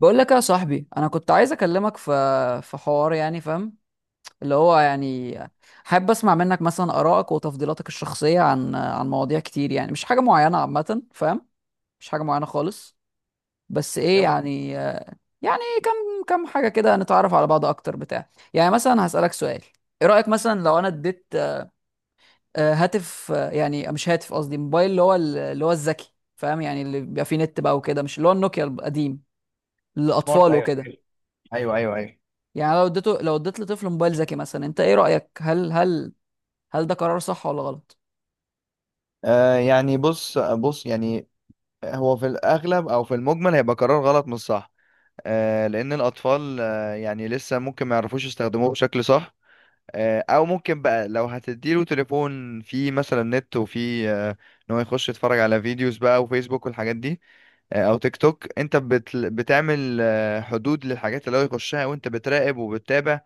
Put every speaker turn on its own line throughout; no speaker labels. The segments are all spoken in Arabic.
بقول لك يا صاحبي، انا كنت عايز اكلمك في حوار يعني، فاهم؟ اللي هو يعني حابب اسمع منك مثلا ارائك وتفضيلاتك الشخصيه عن مواضيع كتير، يعني مش حاجه معينه، عامه، فاهم؟ مش حاجه معينه خالص، بس ايه
يلا.
يعني. يعني كم حاجه كده نتعرف على بعض اكتر بتاع. يعني مثلا هسالك سؤال: ايه رايك مثلا لو انا اديت هاتف، يعني مش هاتف، قصدي موبايل اللي هو اللي هو الذكي، فاهم؟ يعني اللي بيبقى فيه نت بقى وكده، مش اللي هو النوكيا القديم
سمارت،
للاطفال
ايوه
وكده.
ايوه ايوه ايوه.
يعني لو اديته، لو اديت لطفل موبايل ذكي مثلا، انت ايه رأيك؟ هل ده قرار صح ولا غلط؟
يعني بص بص، يعني هو في الاغلب او في المجمل هيبقى قرار غلط مش صح. لان الاطفال يعني لسه ممكن ما يعرفوش يستخدموه بشكل صح. او ممكن بقى، لو هتديله تليفون فيه مثلا نت وفيه ان هو يخش يتفرج على فيديوز بقى وفيسبوك والحاجات دي، او تيك توك، انت بتعمل حدود للحاجات اللي هو يخشها وانت بتراقب وبتتابع،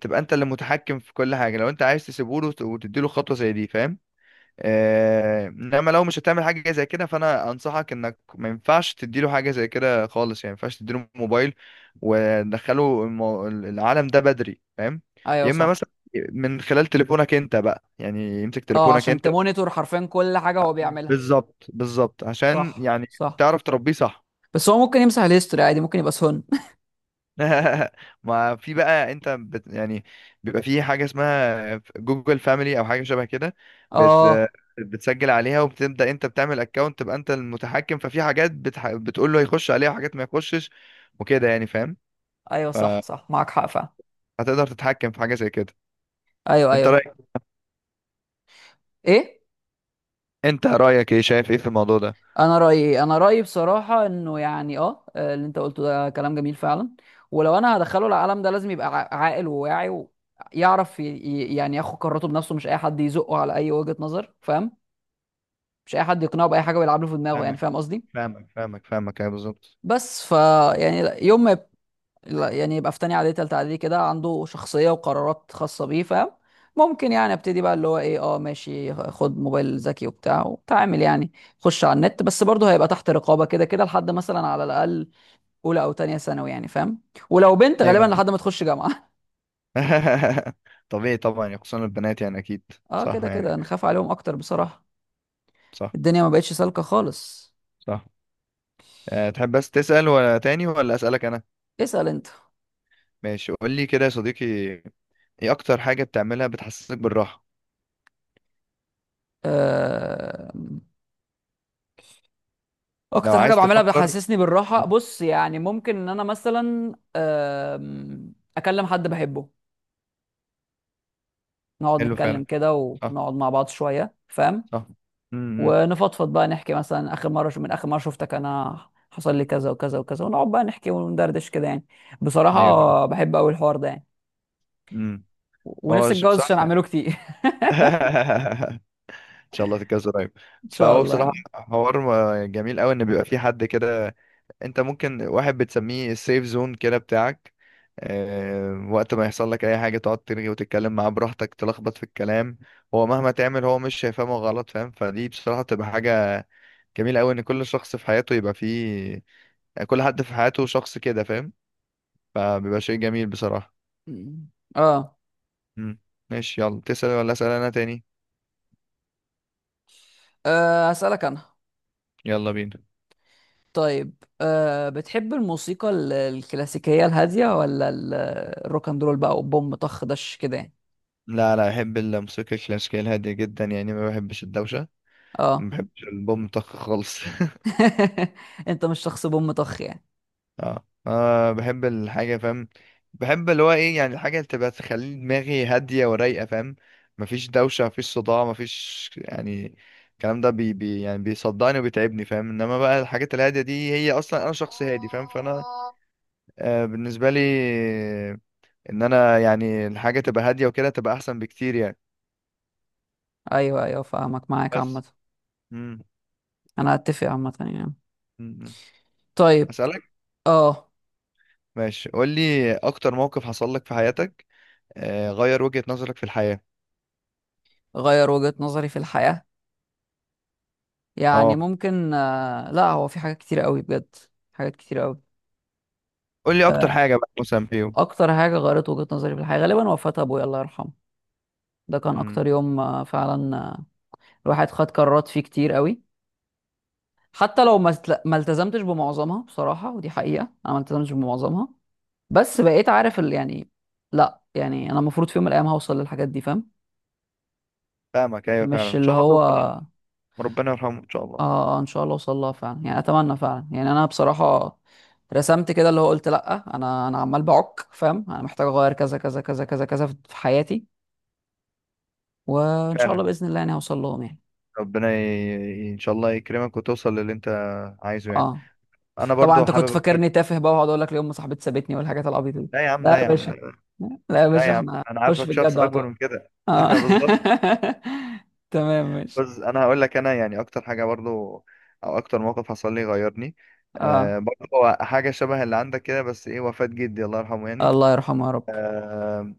تبقى انت اللي متحكم في كل حاجة لو انت عايز تسيبه له وتديله خطوة زي دي، فاهم؟ آه، انما لو مش هتعمل حاجه زي كده، فانا انصحك انك ما ينفعش تديله حاجه زي كده خالص. يعني ما ينفعش تديله موبايل وتدخله العالم ده بدري، فاهم؟
ايوه
يا اما
صح.
مثلا من خلال تليفونك انت بقى، يعني يمسك
اه،
تليفونك
عشان
انت.
تمونيتور حرفيا كل حاجة هو بيعملها.
بالظبط بالظبط، عشان
صح
يعني
صح.
تعرف تربيه صح.
بس هو ممكن يمسح الهيستوري عادي، ممكن يبقى سهن.
ما في بقى، انت يعني بيبقى في حاجه اسمها جوجل فاميلي او حاجه شبه كده، بت
اه.
بتسجل عليها وبتبدا انت بتعمل اكونت، تبقى انت المتحكم، ففي حاجات بتقول له يخش عليها وحاجات ما يخشش وكده، يعني فاهم.
ايوه صح صح، معاك حق فعلا.
فهتقدر تتحكم في حاجه زي كده.
ايوه
انت
ايوه.
رايك،
ايه؟
انت رايك ايه، شايف ايه في الموضوع ده؟
انا رايي، انا رايي بصراحه انه يعني اه، اللي انت قلته ده كلام جميل فعلا. ولو انا هدخله العالم ده لازم يبقى عاقل وواعي ويعرف يعني ياخد قراراته بنفسه، مش اي حد يزقه على اي وجهه نظر، فاهم؟ مش اي حد يقنعه باي حاجه ويلعب له في دماغه، يعني
فاهمك
فاهم قصدي.
فاهمك فاهمك فاهمك، ايوه بالظبط.
بس ف، يعني لا- يوم ما يب- لا، يعني يبقى في تانية اعدادي تالتة اعدادي كده، عنده شخصيه وقرارات خاصه بيه، فاهم؟ ممكن يعني ابتدي بقى اللي هو ايه، اه ماشي خد موبايل ذكي وبتاع وتعامل، يعني خش على النت. بس برضه هيبقى تحت رقابه كده كده لحد مثلا على الاقل اولى او تانية ثانوي، يعني فاهم؟ ولو بنت غالبا
ايوه.
لحد ما تخش جامعه.
طبيعي طبعا، يعني خصوصا البنات يعني اكيد.
اه
صح،
كده كده
يعني
نخاف عليهم اكتر بصراحه.
صح.
الدنيا ما بقتش سالكه خالص.
صح. أه، تحب بس تسأل ولا تاني، ولا أسألك انا؟
اسال انت.
ماشي قول لي كده يا صديقي، ايه اكتر حاجة بتعملها بتحسسك بالراحة؟
آه.
لو
اكتر حاجه
عايز
بعملها
تفكر.
بتحسسني بالراحه،
مم،
بص يعني ممكن ان انا مثلا اكلم حد بحبه، نقعد
حلو فعلا.
نتكلم كده،
صح.
ونقعد مع بعض شويه، فاهم؟
صح. امم
ونفضفض بقى، نحكي مثلا اخر مره، من اخر مره شفتك انا حصل لي كذا وكذا وكذا، ونقعد بقى نحكي وندردش كده يعني.
ايوه فعلا.
بصراحه بحب قوي الحوار ده يعني.
امم هو
ونفسي اتجوز عشان
بصراحة.
اعمله كتير.
ان شاء الله تتجوز قريب.
ان شاء
فهو
الله يا
بصراحة
رب.
حوار جميل قوي ان بيبقى في حد كده. انت ممكن واحد بتسميه السيف زون كده بتاعك. آه، وقت ما يحصل لك اي حاجة تقعد ترغي وتتكلم معاه براحتك، تلخبط في الكلام، هو مهما تعمل هو مش هيفهمه غلط، فاهم؟ فدي بصراحة بتبقى حاجة جميل قوي، ان كل شخص في حياته يبقى فيه، يعني كل حد في حياته شخص كده، فاهم؟ فبيبقى شيء جميل بصراحة.
م. اه،
امم ماشي يلا، تسأل ولا أسأل انا تاني؟
هسألك انا.
يلا بينا.
طيب، أه بتحب الموسيقى الكلاسيكية الهادية ولا الروك اند رول بقى وبوم طخ دش كده يعني؟
لا لا، احب الموسيقى الكلاسيكية الهادية جدا، يعني ما بحبش الدوشة، ما
اه،
بحبش البوم طخ خالص.
انت مش شخص بوم طخ يعني.
اه، آه، بحب الحاجة، فاهم؟ بحب اللي هو ايه، يعني الحاجة اللي تبقى تخلي دماغي هادية ورايقة، فاهم؟ مفيش دوشة، مفيش صداع، مفيش يعني. الكلام ده بي يعني بيصدعني وبيتعبني، فاهم؟ انما بقى الحاجات الهادية دي، هي اصلا انا شخص هادي، فاهم؟ فانا آه، بالنسبة لي، ان انا يعني الحاجة تبقى هادية وكده تبقى احسن بكتير يعني.
ايوه ايوه فاهمك، معاك عامة.
بس. مم.
انا اتفق عامة يعني.
مم.
طيب.
اسألك.
اه.
ماشي قول لي، اكتر موقف حصل لك في حياتك آه غير وجهة نظرك في الحياة.
غير وجهة نظري في الحياة؟ يعني
اه،
ممكن آه، لا هو في حاجات كتير قوي بجد. حاجات كتير قوي.
قول لي اكتر
آه،
حاجه بقى مثلا فيهم.
اكتر حاجة غيرت وجهة نظري في الحياة غالبا وفاة ابويا الله يرحمه. ده كان
امم
اكتر يوم آه فعلا آه، الواحد خد قرارات فيه كتير قوي، حتى لو ما التزمتش بمعظمها بصراحة، ودي حقيقة انا ما التزمتش بمعظمها. بس بقيت عارف ال، يعني لا يعني انا المفروض في يوم من الايام هوصل للحاجات دي، فاهم؟
فاهمك، ايوه فعلا،
مش
ان
اللي
شاء الله
هو
توصل لها.
اه
ربنا يرحمه، ان شاء الله.
آه، ان شاء الله اوصل لها فعلا يعني، اتمنى فعلا يعني. انا بصراحة رسمت كده اللي هو، قلت لا انا، عمال بعك فاهم، انا محتاج اغير كذا كذا كذا كذا كذا في حياتي، وان شاء
فعلا.
الله باذن الله يعني هوصل لهم يعني.
ربنا ان شاء الله يكرمك وتوصل للي انت عايزه يعني.
اه
انا
طبعا،
برضو
انت
حابب
كنت
اقول
فاكرني
لك.
تافه بقى، وهقعد اقول لك ليه ام صاحبتي سابتني والحاجات العبيطه دي.
لا يا عم،
لا
لا
يا
يا عم،
باشا،
لا.
لا يا
لا
باشا،
يا عم،
احنا
انا
خش في
عارفك شخص
الجد على
اكبر
طول.
من كده.
اه،
انا بالظبط.
تمام ماشي.
بس انا هقول لك، انا يعني اكتر حاجه برضو او اكتر موقف حصل لي غيرني، آه
اه،
برضو هو حاجه شبه اللي عندك كده، بس ايه وفاة جدي الله يرحمه يعني.
الله يرحمه يا رب.
آه،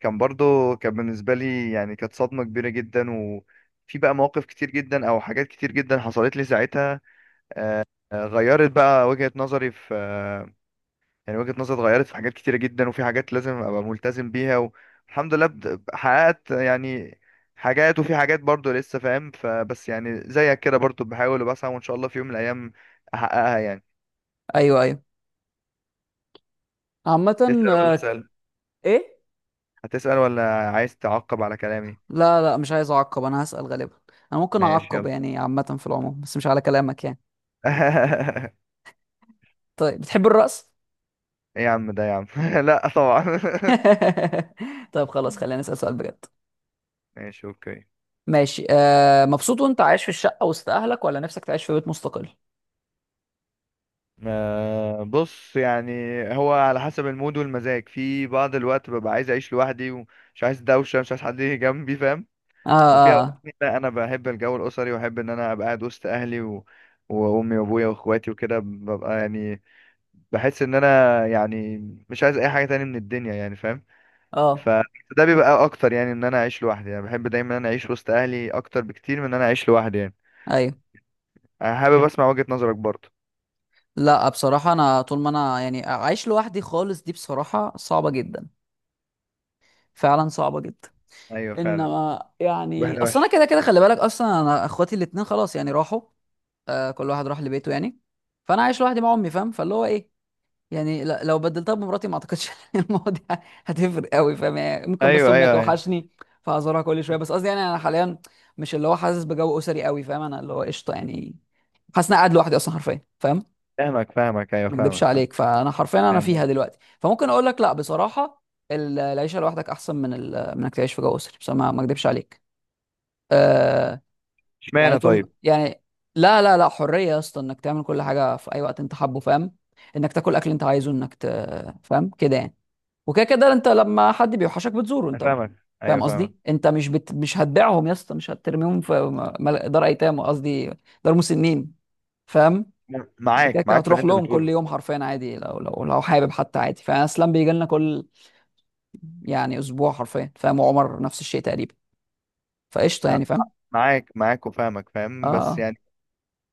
كان برضو، كان بالنسبة لي يعني كانت صدمة كبيرة جدا، وفي بقى مواقف كتير جدا أو حاجات كتير جدا حصلت لي ساعتها، آه، غيرت بقى وجهة نظري في آه، يعني وجهة نظري اتغيرت في حاجات كتيرة جدا، وفي حاجات لازم أبقى ملتزم بيها. والحمد لله حققت يعني حاجات، وفي حاجات برضو لسه، فاهم؟ فبس يعني زيك كده برضو بحاول وبسعى، وإن شاء الله في يوم من الأيام أحققها يعني.
ايوه ايوه، عامة.
تسأل ولا
آه،
أسأل؟
ايه؟
هتسأل ولا عايز تعقب على كلامي؟
لا لا، مش عايز اعقب، انا هسأل غالبا. انا ممكن
ماشي
اعقب
يلا.
يعني عامة في العموم، بس مش على كلامك يعني. طيب، بتحب الرقص؟
ايه يا عم ده يا عم. لا طبعا.
طيب خلاص، خلينا نسأل سؤال بجد.
ماشي، اوكي.
ماشي. آه مبسوط وانت عايش في الشقة وسط اهلك، ولا نفسك تعيش في بيت مستقل؟
آه بص يعني، هو على حسب المود والمزاج، في بعض الوقت ببقى عايز اعيش لوحدي ومش عايز دوشه، مش عايز حد يجي جنبي، فاهم؟
اه
وفي اوقات
اه
تانية لا، انا بحب الجو الاسري، واحب ان انا ابقى قاعد وسط اهلي وامي وابويا واخواتي وكده، ببقى يعني بحس ان انا يعني مش عايز اي حاجه تانية من الدنيا يعني، فاهم؟
اه. آه.
فده بيبقى اكتر، يعني ان انا اعيش لوحدي يعني. بحب دايما ان انا اعيش وسط اهلي اكتر بكتير من ان انا اعيش لوحدي يعني.
ايوه،
انا حابب اسمع وجهة نظرك برضه.
لا بصراحة انا طول ما انا يعني عايش لوحدي خالص، دي بصراحة صعبة جدا، فعلا صعبة جدا.
ايوه فعلا.
انما يعني
واحدة
اصل انا
وحشة.
كده كده، خلي بالك اصلا انا اخواتي الاتنين خلاص يعني راحوا، آه كل واحد راح لبيته يعني. فانا عايش لوحدي مع امي، فاهم؟ فاللي هو ايه، يعني لو بدلتها بمراتي ما اعتقدش إن المواضيع هتفرق قوي، فاهم؟ يعني ممكن بس
ايوه
امي
ايوه ايوه.
توحشني فهزورها كل شويه، بس قصدي يعني انا حاليا مش اللي هو حاسس بجو اسري قوي، فاهم؟ انا اللي هو قشطه يعني، حاسس إن أنا قاعد لوحدي اصلا حرفيا، فاهم؟
فاهمك فاهمك، ايوه
ما اكدبش
فاهمك.
عليك، فانا حرفيا انا
فاهم
فيها
قصدك.
دلوقتي، فممكن اقول لك لا بصراحه العيشه لوحدك احسن من ال، من انك تعيش في جو اسري، بس ما ما اكدبش عليك. آه. يعني
اشمعنى
طول
طيب؟
يعني لا لا لا، حريه يا اسطى، انك تعمل كل حاجه في اي وقت انت حابه، فاهم؟ انك تاكل اكل انت عايزه، انك ت، فاهم كده يعني. وكده كده انت لما حد بيوحشك بتزوره
انا
انت،
فاهمك،
فاهم
ايوه فاهمك.
قصدي؟ انت مش هتبيعهم يا اسطى، مش هترميهم في دار ايتام، قصدي دار مسنين، فاهم؟ انت
معاك
كده كده
معاك في اللي
هتروح
انت
لهم كل
بتقوله.
يوم حرفيا عادي، لو لو حابب حتى عادي. فاسلام بيجي لنا كل يعني اسبوع حرفيا، فاهم؟ وعمر نفس الشيء تقريبا، فقشطه
انا
يعني، فاهم؟
معاك معاك وفاهمك، فاهم، بس
اه
يعني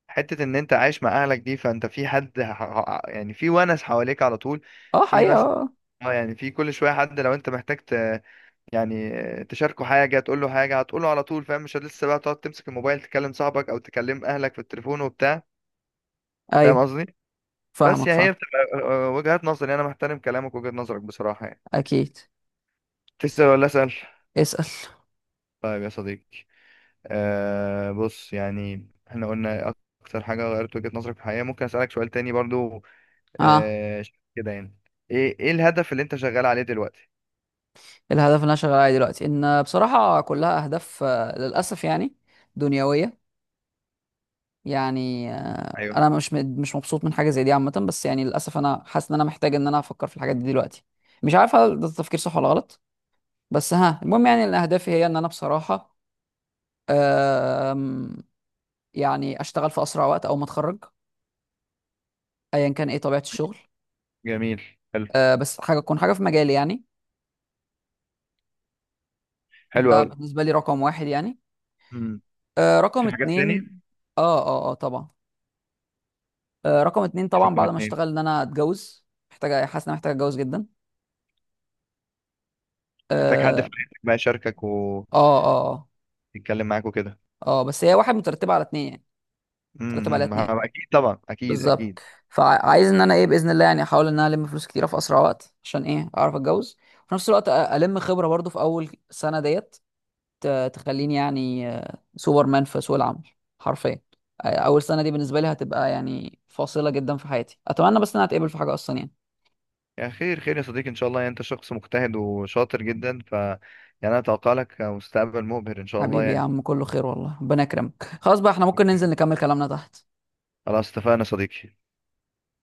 حتة ان انت عايش مع اهلك دي، فانت في حد يعني في ونس حواليك على طول،
اه اه،
في
حقيقه
مثلا،
اه.
اه يعني في كل شوية حد، لو انت محتاج يعني تشاركه حاجة تقول له حاجة، هتقوله على طول، فاهم؟ مش لسه بقى تقعد تمسك الموبايل تكلم صاحبك او تكلم اهلك في التليفون وبتاع.
آه.
فاهم
ايوه
قصدي؟ بس
فاهمك
يعني
فاهم.
هي بتبقى آه، وجهات نظر يعني. انا محترم كلامك، وجهة نظرك بصراحة يعني.
اكيد.
تسأل ولا اسأل؟
اسال.
طيب يا صديقي، آه بص يعني احنا قلنا اكتر حاجة غيرت وجهة نظرك في الحياة، ممكن اسألك سؤال تاني برضو؟
اه.
آه كده يعني، ايه ايه الهدف اللي انت شغال عليه دلوقتي؟
الهدف اللي انا شغال عليه دلوقتي ان بصراحه كلها اهداف آه، للاسف يعني دنيويه. يعني آه،
ايوه.
انا مش مبسوط من حاجه زي دي عامه، بس يعني للاسف انا حاسس ان انا محتاج ان انا افكر في الحاجات دي دلوقتي. مش عارف هل ده تفكير صح ولا غلط، بس ها المهم. يعني ان اهدافي هي ان انا بصراحه، آم، يعني اشتغل في اسرع وقت او ما اتخرج، ايا كان ايه طبيعه الشغل.
جميل. حلو.
آه، بس حاجه تكون حاجه في مجالي يعني.
حلو
ده
قوي.
بالنسبه لي رقم 1 يعني.
مم.
آه، رقم
في حاجات
اتنين
تاني؟
اه اه اه طبعا. آه، رقم اتنين طبعا
رقم
بعد ما
اتنين،
اشتغل، ان انا اتجوز، محتاجه، حاسس ان انا محتاج اتجوز جدا.
محتاج حد في
اه
حياتك بقى يشاركك ويتكلم
اه اه اه.
معاك وكده.
آه، بس هي 1 مترتبه على 2 يعني، مترتبه على اتنين
اكيد طبعا، اكيد
بالظبط.
اكيد.
فعايز ان انا ايه باذن الله يعني، احاول ان انا الم فلوس كتيره في اسرع وقت عشان ايه اعرف اتجوز، وفي نفس الوقت الم خبره برضو في اول سنه ديت تخليني يعني آه، سوبرمان في سوق العمل حرفيا. آه، اول سنه دي بالنسبه لي هتبقى يعني فاصله جدا في حياتي. اتمنى بس ان انا اتقبل في حاجه اصلا يعني.
يا خير خير يا صديقي، ان شاء الله، يعني انت شخص مجتهد وشاطر جدا، ف يعني انا اتوقع لك مستقبل مبهر ان شاء الله
حبيبي يا
يعني.
عم، كله خير والله، ربنا يكرمك. خلاص بقى، احنا ممكن ننزل نكمل كلامنا تحت.
خلاص اتفقنا يا صديقي.